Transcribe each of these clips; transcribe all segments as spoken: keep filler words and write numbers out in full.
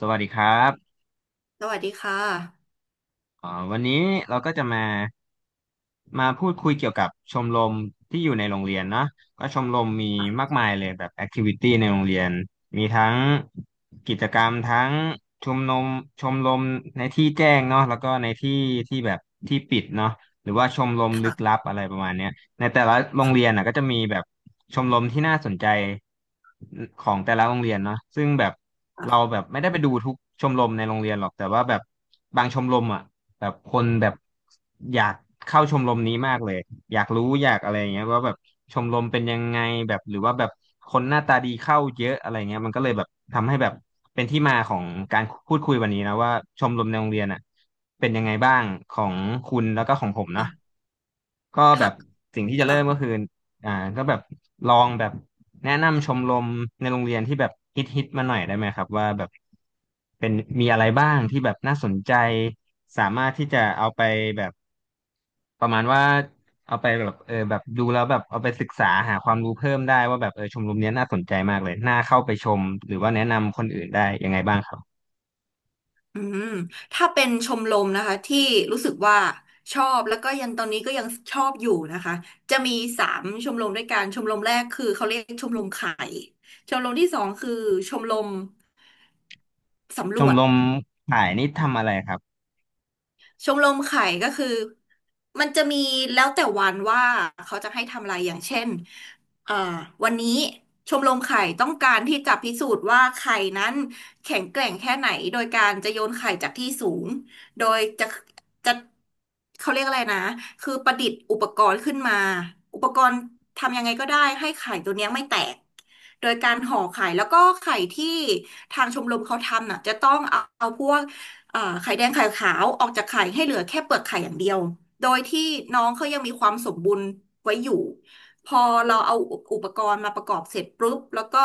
สวัสดีครับ สวัสดีค่ะอ๋อวันนี้เราก็จะมามาพูดคุยเกี่ยวกับชมรมที่อยู่ในโรงเรียนเนาะก็ชมรมมีมากมายเลยแบบแอคทิวิตี้ในโรงเรียนมีทั้งกิจกรรมทั้งชมรมชมรมในที่แจ้งเนาะแล้วก็ในที่ที่แบบที่ปิดเนาะหรือว่าชมรมลึกลับอะไรประมาณเนี้ยในแต่ละโรงเรียนน่ะก็จะมีแบบชมรมที่น่าสนใจของแต่ละโรงเรียนเนาะซึ่งแบบเราแบบไม่ได้ไปดูทุกชมรมในโรงเรียนหรอกแต่ว่าแบบบางชมรมอ่ะ แบบคนแบบอยากเข้าชมรมนี้มากเลยอยากรู้อยากอะไรอย่างเงี้ยว่าแบบชมรมเป็นยังไงแบบหรือว่าแบบคนหน้าตาดีเข้าเยอะอะไรเงี้ยมันก็เลยแบบทำให้แบบเป็นที่มาของการพูดคุยวันนี้นะว่าชมรมในโรงเรียนอ่ะเป็นยังไงบ้างของคุณแล้วก็ของผมนะอ่ะก็แบค่ะบสิ่งที่จะเริ่ค่ะมก็คือ อ่าก็แบบลองแบบแนะนำชมรมในโรงเรียนที่แบบฮิตฮิตมาหน่อยได้ไหมครับว่าแบบเป็นมีอะไรบ้างที่แบบน่าสนใจสามารถที่จะเอาไปแบบประมาณว่าเอาไปแบบเออแบบดูแล้วแบบเอาไปศึกษาหาความรู้เพิ่มได้ว่าแบบเออชมรมเนี้ยน่าสนใจมากเลยน่าเข้าไปชมหรือว่าแนะนำคนอื่นได้ยังไงบ้างครับอืมถ้าเป็นชมรมนะคะที่รู้สึกว่าชอบแล้วก็ยังตอนนี้ก็ยังชอบอยู่นะคะจะมีสามชมรมด้วยกันชมรมแรกคือเขาเรียกชมรมไข่ชมรมที่สองคือชมรมสำชรมวจ รมขายนี่ทำอะไรครับ ชมรมไข่ก็คือมันจะมีแล้วแต่วันว่าเขาจะให้ทำอะไรอย่างเช่นเอ่อวันนี้ชมรมไข่ต้องการที่จะพิสูจน์ว่าไข่นั้นแข็งแกร่งแค่ไหนโดยการจะโยนไข่จากที่สูงโดยจะจะเขาเรียกอะไรนะคือประดิษฐ์อุปกรณ์ขึ้นมาอุปกรณ์ทำยังไงก็ได้ให้ไข่ตัวเนี้ยไม่แตกโดยการห่อไข่แล้วก็ไข่ที่ทางชมรมเขาทำน่ะจะต้องเอาเอาพวก เอ่อไข่แดงไข่ขาวออกจากไข่ให้เหลือแค่เปลือกไข่อย่างเดียว โดยที่น้องเขายังมีความสมบูรณ์ไว้อยู่ พอเราเอาอุปกรณ์มาประกอบเสร็จปุ๊บ แล้วก็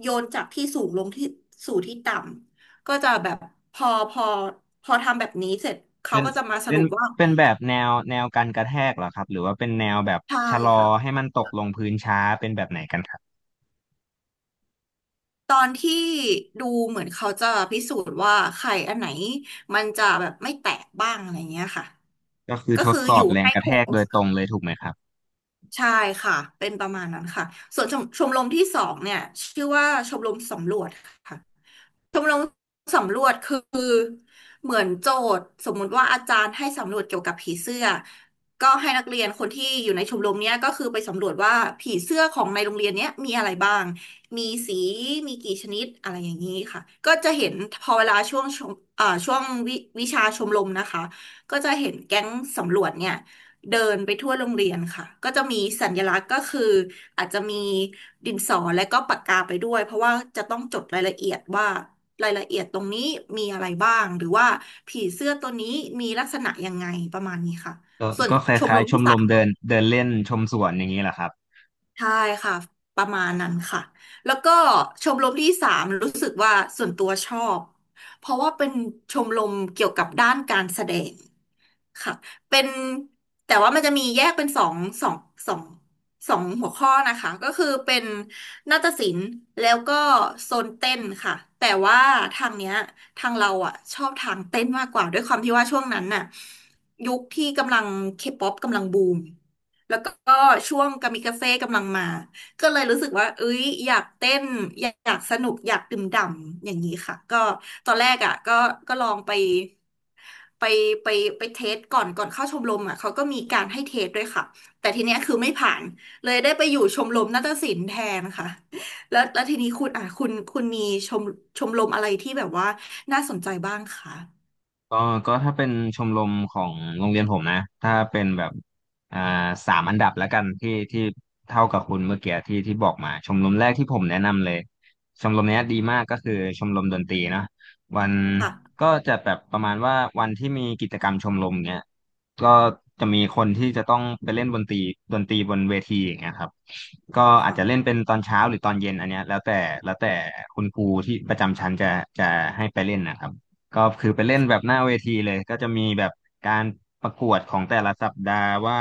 โยนจากที่สูงลงที่สู่ที่ต่ำ ก็จะแบบพอพอพอทำแบบนี้เสร็จเขาเป็นก็จะมาสเป็รุนปว่าเป็นแบบแนวแนวการกระแทกเหรอครับหรือว่าเป็นแนวแบบใช่ชะลอค่ะให้มันตกลงพื้นช้าเป็นแบบไหนกันครับตอนที่ดูเหมือนเขาจะพิสูจน์ว่าไข่อันไหนมันจะแบบไม่แตกบ้างอะไรเงี้ยค่ะก็คือก็ทดคือสออบยู่แรงให้กระคแทกง โดยตรงเลยถูกไหมครับใช่ค่ะเป็นประมาณนั้นค่ะส่วนชมชมรมที่สองเนี่ยชื่อว่าชมรมสำรวจค่ะชมรมสำรวจคือเหมือนโจทย์สมมุติว่าอาจารย์ให้สำรวจเกี่ยวกับผีเสื้อก็ให้นักเรียนคนที่อยู่ในชมรมเนี้ยก็คือไปสำรวจว่าผีเสื้อของในโรงเรียนเนี้ยมีอะไรบ้างมีสีมีกี่ชนิดอะไรอย่างนี้ค่ะก็จะเห็นพอเวลาช่วงชมอ่าช่วงวิวิชาชมรมนะคะก็จะเห็นแก๊งสำรวจเนี่ย เดินไปทั่วโรงเรียนค่ะก็จะมีสัญลักษณ์ก็คืออาจจะมีดินสอและก็ปากกาไปด้วยเพราะว่าจะต้องจดรายละเอียดว่ารายละเอียดตรงนี้มีอะไรบ้างหรือว่าผีเสื้อตัวนี้มีลักษณะยังไงประมาณนี้ค่ะก็ส่วนก็คชมล้ารยมๆชที่มรสามมเดินเดินเล่นชมสวนอย่างนี้เหรอครับ ใช่ค่ะประมาณนั้นค่ะแล้วก็ชมรมที่สามรู้สึกว่าส่วนตัวชอบเพราะว่าเป็นชมรมเกี่ยวกับด้านการแสดง ค่ะเป็นแต่ว่ามันจะมีแยกเป็นสองสองสองสองหัวข้อนะคะก็คือเป็นนาฏศิลป์แล้วก็โซนเต้นค่ะแต่ว่าทางเนี้ยทางเราอ่ะชอบทางเต้นมากกว่าด้วยความที่ว่าช่วงนั้นน่ะยุคที่กำลังเคป๊อปกำลังบูมแล้วก็ช่วงกามิกาเซ่กำลังมา ก็เลยรู้สึกว่าเอ้ยอยากเต้นอยากอยากสนุกอยากดื่มด่ำอย่างนี้ค่ะก็ตอนแรกอ่ะก็ก็ลองไปไปไปไปเทสก่อนก่อนเข้าชมรมอ่ะเขาก็มีการให้เทสด้วยค่ะแต่ทีเนี้ยคือไม่ผ่านเลยได้ไปอยู่ชมรมนาฏศิลป์แทนค่ะแล้วแล้วทีนี้คุณอ่ะคุณคุณมีชมชมรมอะไรที่แบบว่าน่าสนใจบ้างคะก็ก็ถ้าเป็นชมรมของโรงเรียนผมนะถ้าเป็นแบบอ่าสามอันดับแล้วกันที่ที่เท่ากับคุณเมื่อกี้ที่ที่บอกมาชมรมแรกที่ผมแนะนำเลยชมรมเนี้ยดีมากก็คือชมรมดนตรีเนอะวันค่ะก็จะแบบประมาณว่าวันที่มีกิจกรรมชมรมเนี้ยก็จะมีคนที่จะต้องไปเล่นดนตรีดนตรีบนเวทีอย่างเงี้ยครับก็อาจค่ะจะเล่นเป็นตอนเช้าหรือตอนเย็นอันเนี้ยแล้วแต่แล้วแต่คุณครูที่ประจำชั้นจะจะให้ไปเล่นนะครับ ก็คือไปเล่นแบบหน้าเวทีเลยก็จะมีแบบการประกวดของแต่ละสัปดาห์ว่า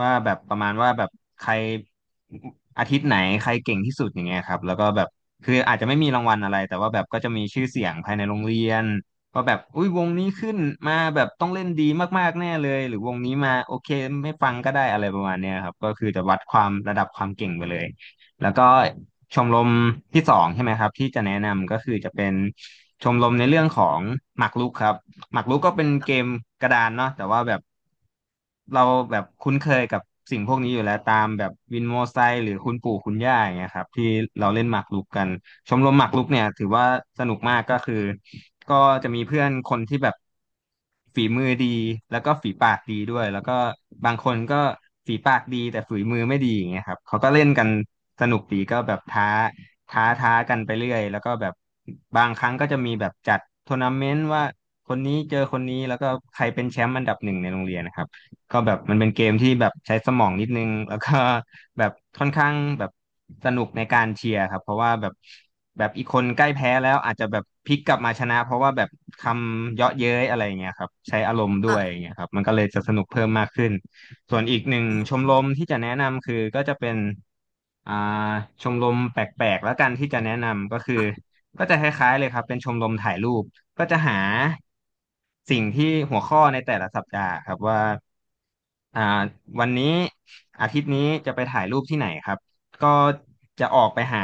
ว่าแบบประมาณว่าแบบใครอาทิตย์ไหนใครเก่งที่สุดอย่างเงี้ยครับแล้วก็แบบคืออาจจะไม่มีรางวัลอะไรแต่ว่าแบบก็จะมีชื่อเสียงภายในโรงเรียนว่าแบบอุ้ยวงนี้ขึ้นมาแบบต้องเล่นดีมากๆแน่เลยหรือวงนี้มาโอเคไม่ฟังก็ได้อะไรประมาณเนี้ยครับก็คือจะวัดความระดับความเก่งไปเลย แล้วก็ชมรมที่สองใช่ไหมครับที่จะแนะนำก็คือจะเป็นชมรมในเรื่องของหมากรุกครับหมากรุกก็เป็นเกมกระดานเนาะแต่ว่าแบบเราแบบคุ้นเคยกับสิ่งพวกนี้อยู่แล้วตามแบบวินโมไซค์หรือคุณปู่คุณย่าอย่างเงี้ยครับที่เราเล่นหมากรุกกันชมรมหมากรุกเนี่ยถือว่าสนุกมากก็คือก็จะมีเพื่อนคนที่แบบ ฝีมือดีแล้วก็ฝีปากดีด้วยแล้วก็บางคนก็ฝีปากดีแต่ฝีมือไม่ดีอย่างเงี้ยครับเขาก็เล่นกันสนุกดีก็แบบท้าท้าท้ากันไปเรื่อยแล้วก็แบบบางครั้งก็จะมีแบบจัดทัวร์นาเมนต์ว่าคนนี้เจอคนนี้แล้วก็ใครเป็นแชมป์อันดับหนึ่งในโรงเรียนนะครับ ก็แบบมันเป็นเกมที่แบบใช้สมองนิดนึงแล้วก็แบบค่อนข้างแบบสนุกในการเชียร์ครับเพราะว่าแบบแบบอีกคนใกล้แพ้แล้วอาจจะแบบพลิกกลับมาชนะเพราะว่าแบบคำเยาะเย้ยอะไรอย่างเงี้ยครับใช้อารมณ์ด้วยอย่างค่ะเงี้ยครับมันก็เลยจะสนุกเพิ่มมากขึ้นส่วนอีกหนึ่งอืชมมรมที่จะแนะนำคือก็จะเป็นอ่าชมรมแปลกๆแล้วกันที่จะแนะนำก็คือค่ะก็จะคล้ายๆเลยครับเป็นชมรมถ่ายรูป ก็จะหาสิ่งที่หัวข้อในแต่ละสัปดาห์ครับว่าอ่าวันนี้อาทิตย์นี้จะไปถ่ายรูปที่ไหนครับก็จะออกไปหา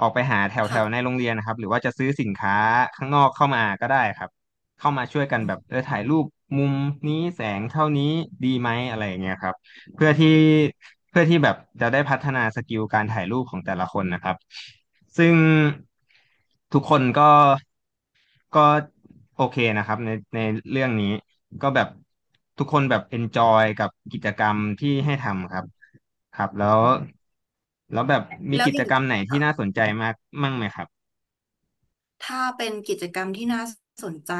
ออกไปหาแถวแถวในค่ะโรงเรียนนะครับหรือว่าจะซื้อสินค้าข้างนอกเข้ามาก็ได้ครับเข้ามาช่วยกันอืแบบเอมอถ่ายรูปมุมนี้แสงเท่านี้ดีไหมอะไรอย่างเงี้ยครับเพื่อที่เพื่อที่แบบจะได้พัฒนาสกิลการถ่ายรูปของแต่ละคนนะครับซึ่งทุกคนก็ ก็โอเคนะครับในในเรื่องนี้ก็แบบทุกคนแบบเอนจอยกับกิจกรรมที่ให้ทำครับครับแล้วแล้วแบบมีแล้วกิอจย่าง กรรมไหนที่น่าสนใจมากมั่งไหมครับถ้าเป็นกิจกรรมที่น่าสนใจ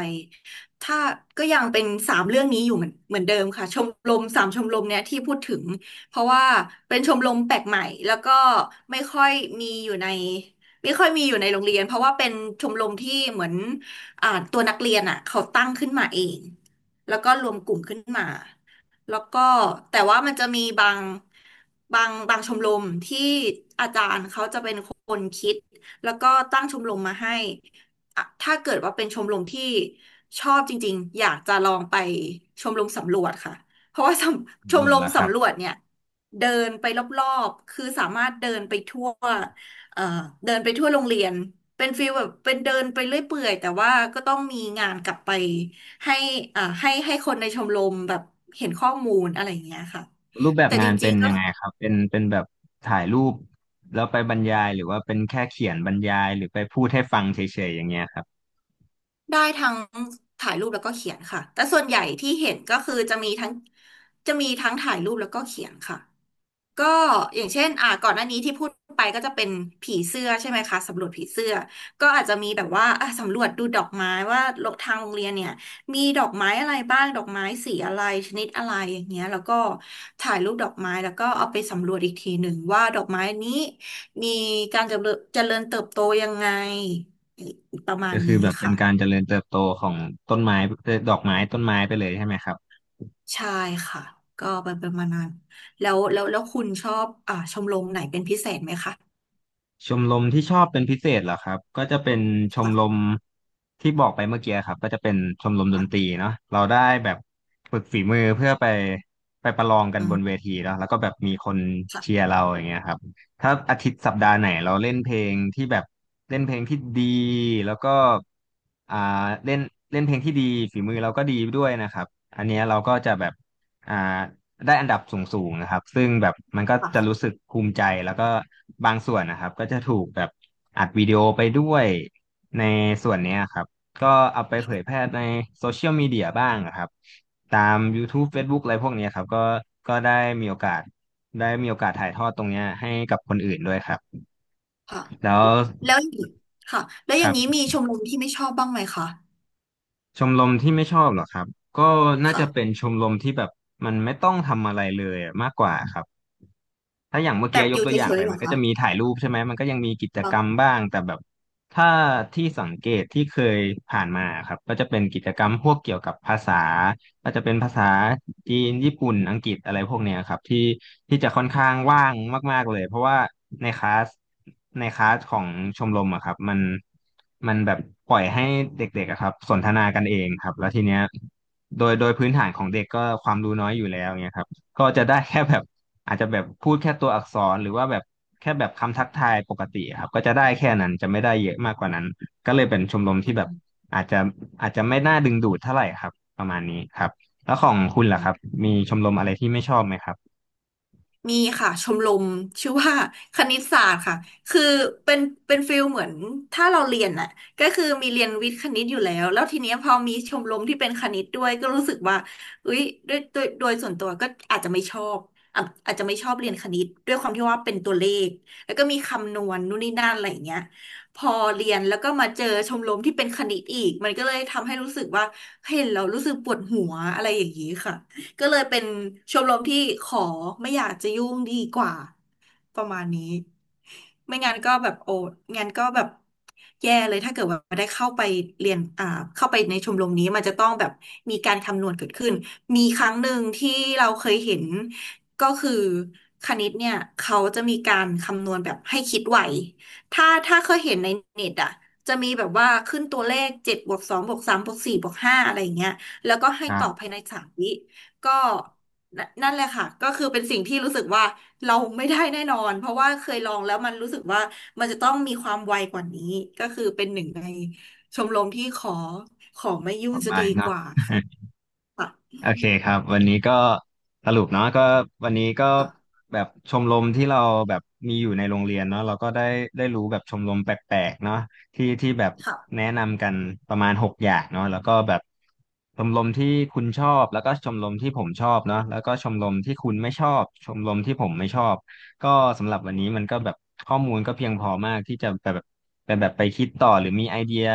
ถ้าก็ยังเป็นสามเรื่องนี้อยู่เหมือนเหมือนเดิมค่ะชมรมสามชมรมเนี่ยที่พูดถึงเพราะว่าเป็นชมรมแปลกใหม่แล้วก็ไม่ค่อยมีอยู่ในไม่ค่อยมีอยู่ในโรงเรียนเพราะว่าเป็นชมรมที่เหมือนอ่าตัวนักเรียนอ่ะเขาตั้งขึ้นมาเองแล้วก็รวมกลุ่มขึ้นมาแล้วก็แต่ว่ามันจะมีบางบางบางชมรมที่อาจารย์เขาจะเป็นคนคิด แล้วก็ตั้งชมรมมาให้อ่ะถ้าเกิดว่าเป็นชมรมที่ชอบจริงๆ อยากจะลองไปชมรมสำรวจค่ะเพราะว่า สำชมส่วรนมละครับสำรวจเนี่ยเดินไปรอบๆ คือสามารถเดินไปทั่วเอ่อเดินไปทั่วโรงเรียนเป็นฟีลแบบเป็นเดินไปเรื่อยเปื่อยแต่ว่าก็ต้องมีงานกลับไปให้อ่าให้ให้คนในชมรมแบบเห็นข้อมูลอะไรอย่างเงี้ยค่ะรูปแบบแต่จงานริเป็งนๆก็ ยังไงครับเป็นเป็นแบบถ่ายรูปแล้วไปบรรยายหรือว่าเป็นแค่เขียนบรรยายหรือไปพูดให้ฟังเฉยๆอย่างเงี้ยครับได้ทั้งถ่ายรูปแล้วก็เขียนค่ะ แต่ส่วนใหญ่ที่เห็นก็คือจะมีทั้งจะมีทั้งถ่ายรูปแล้วก็เขียนค่ะ ก็อย่างเช่นอ่าก่อนหน้านี้ที่พูดไปก็จะเป็นผีเสื้อใช่ไหมคะสำรวจผีเสื้อก็อาจจะมีแบบว่าอ่ะสำรวจดูดอกไม้ว่าทางโรงเรียนเนี่ยมีดอกไม้อะไรบ้างดอกไม้สีอะไรชนิดอะไรอย่างเงี้ยแล้วก็ถ่ายรูปดอกไม้แล้วก็เอาไปสำรวจอีกทีหนึ่งว่าดอกไม้นี้มีการเจริญเจริญเติบโตยังไงประมาณก็คือนี้แบบเป็นค่ะ การเจริญเติบโตของต้นไม้เอ่อดอกไม้ต้นไม้ไปเลยใช่ไหมครับ ใช่ค่ะก็ไปเป็นมาณน้นแล้วแล้วแล้วคุณชอบอ่าชมรมไหนเป็นพิเศษไหมคะชมรมที่ชอบเป็นพิเศษเหรอครับก็จะเป็นชมรค่ะมที่บอกไปเมื่อกี้ครับก็จะเป็นชมรมดนตรีค่ะเนาะเราได้แบบฝึกฝีมือเพื่อไปไปประลองกันอืบนเวมทีเนาะแล้วก็แบบมีคนเชียค่ะร์เราอย่างเงี้ยครับถ้าอาทิตย์สัปดาห์ไหนเราเล่นเพลงที่แบบเล่นเพลงที่ดีแล้วก็อ่าเล่นเล่นเพลงที่ดีฝีมือเราก็ดีด้วยนะครับอันเนี้ยเราก็จะแบบอ่า ได้อันดับสูงๆนะครับซึ่งแบบมันก็จะรู้ค่ะสึกภูมิใจ แล้วก็บางส่วนนะครับก็จะถูกแบบอัดวิดีโอไปด้วยในส่วนเนี้ยครับ ก็เอาไปเผยแพค่ะร่ในโซเชียลมีเดียบ้างนะครับตาม YouTube อื Facebook มอะไรพวกเนี้ยครับก็ก็ได้มีโอกาสได้มีโอกาสถ่ายทอดตรงเนี้ยให้กับคนอื่นด้วยครับ ค่ะแล้วแล้วอย่างค่ะแล้วอคย่ารังนี้บมีชมรมที่ไม่ชอบบ้างไหมคะชมรมที่ไม่ชอบเหรอครับ ก็น่าจะเป็นค่ะชมรมที่แบบมันไม่ต้องทำอะไรเลยอะมากกว่าครับ ถ้าอย่างเมื่อแบกี้บยอกยู่ตัวอย่าเฉงไปยๆเหรมัอนก็คะจะมีถ่ายรูปใช่ไหมมันก็ยังมีกิจกรรมค่บ้างแต่แบบถ้าที่สังเกตที่เคยผ่านมาครับก็จะเป็นกิจกรรมพวกเกี่ยวกับภาษาก็จะเป็นภาษาจีนญี่ปุ่นอังกฤษอะไรพวกเนี้ยครับที่ที่จะค่อนข้างว่างมากๆเลยเพราะว่าในคลาสในคลาสของชมรมอะครับมันมันแบบปล่อยให้เด็กๆอะครับสนทนากันเองครับแล้วทีเนี้ยโดยโดยพื้นฐานของเด็กก็ความรู้น้อยอยู่แล้วเนี่ยครับก็จะได้แค่แบบ อาจจะแบบพูดแค่ตัวอักษรหรือว่าแบบแค่แบบคำทักทายปกติครับก็จะได้แค่นั้นจะไม่ได้เยอะมากกว่านั้นก็เลยเป็นชมรมที่แบบอาจจะอาจจะไม่น่าดึงดูดเท่าไหร่ครับประมาณนี้ครับแล้วของคุณล่ะคะ รับมีชมรมอะไรที่ไม่ชอบไหมครับมีค่ะชมรมชื่อว่า คณิตศาสตร์ค่ะคือเป็นเป็นฟิลเหมือนถ้าเราเรียนน่ะก็คือมีเรียนวิทย์คณิตอยู่แล้วแล้วทีเนี้ยพอมีชมรมที่เป็นคณิตด้วยก็รู้สึกว่าอุ้ยด้วยโด้วยโดยส่วนตัวก็อาจจะไม่ชอบอ่ะอาจจะไม่ชอบเรียนคณิตด้วยความที่ว่าเป็นตัวเลขแล้วก็มีคำนวณนู่นนี่นั่นอะไรอย่างเงี้ยพอเรียนแล้วก็มาเจอชมรมที่เป็นคณิตอีกมันก็เลยทำให้รู้สึกว่าเห็นเรารู้สึกปวดหัวอะไรอย่างนี้ค่ะ ก็เลยเป็นชมรมที่ขอไม่อยากจะยุ่งดีกว่าประมาณนี้ไม่งั้นก็แบบโอ้งั้นก็แบบแย่เลยถ้าเกิดว่าได้เข้าไปเรียนอ่าเข้าไปในชมรมนี้มันจะต้องแบบมีการคำนวณเกิดขึ้นมีครั้งหนึ่งที่เราเคยเห็นก็คือคณิตเนี่ยเขาจะมีการคำนวณแบบให้คิดไวถ้าถ้าเคยเห็นในเน็ตอ่ะจะมีแบบว่าขึ้นตัวเลขเจ็ดบวกสองบวกสามบวกสี่บวกห้าอะไรอย่างเงี้ยแล้วก็ให้ตอบอ่าภายในสามวิ ก็นนั่นแหละค่ะก็คือเป็นสิ่งที่รู้สึกว่าเราไม่ได้แน่นอนเพราะว่าเคยลองแล้วมันรู้สึกว่ามันจะต้องมีความไวกว่านี้ก็คือเป็นหนึ่งในชมรมที่ขอขอไม่ยุ่ต่งอจะไปดีกเนาะ ว่าค่ะโอเคครับวันนี้ก็สรุปเนาะก็วันนี้ก็ค่ะแบบชมรมที่เราแบบมีอยู่ในโรงเรียนเนาะเราก็ได้ได้รู้แบบชมรมแปลกๆเนาะที่ที่แบบค่ะแนะนำกันประมาณหกอย่างเนาะแล้วก็แบบชมรมที่คุณชอบแล้วก็ชมรมที่ผมชอบเนาะแล้วก็ชมรมที่คุณไม่ชอบชมรมที่ผมไม่ชอบก็สำหรับวันนี้มันก็แบบข้อมูลก็เพียงพอมากที่จะแบบแบบแบบไปคิดต่อหรือมีไอเดีย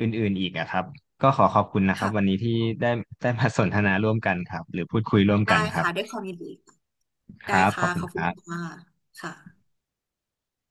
อื่นๆอีกอะครับ ก็ขอขอบคุณนะครับวันค่ะนี้ที่ได้ได้มาสนทนาร่วมกันครับหรือพูดคุยร่วมได้กันครับค่ะได้ความยินดีค่ะคได้รับขค่ะอบคุขณอบคคุรัณบค่ะค่ะ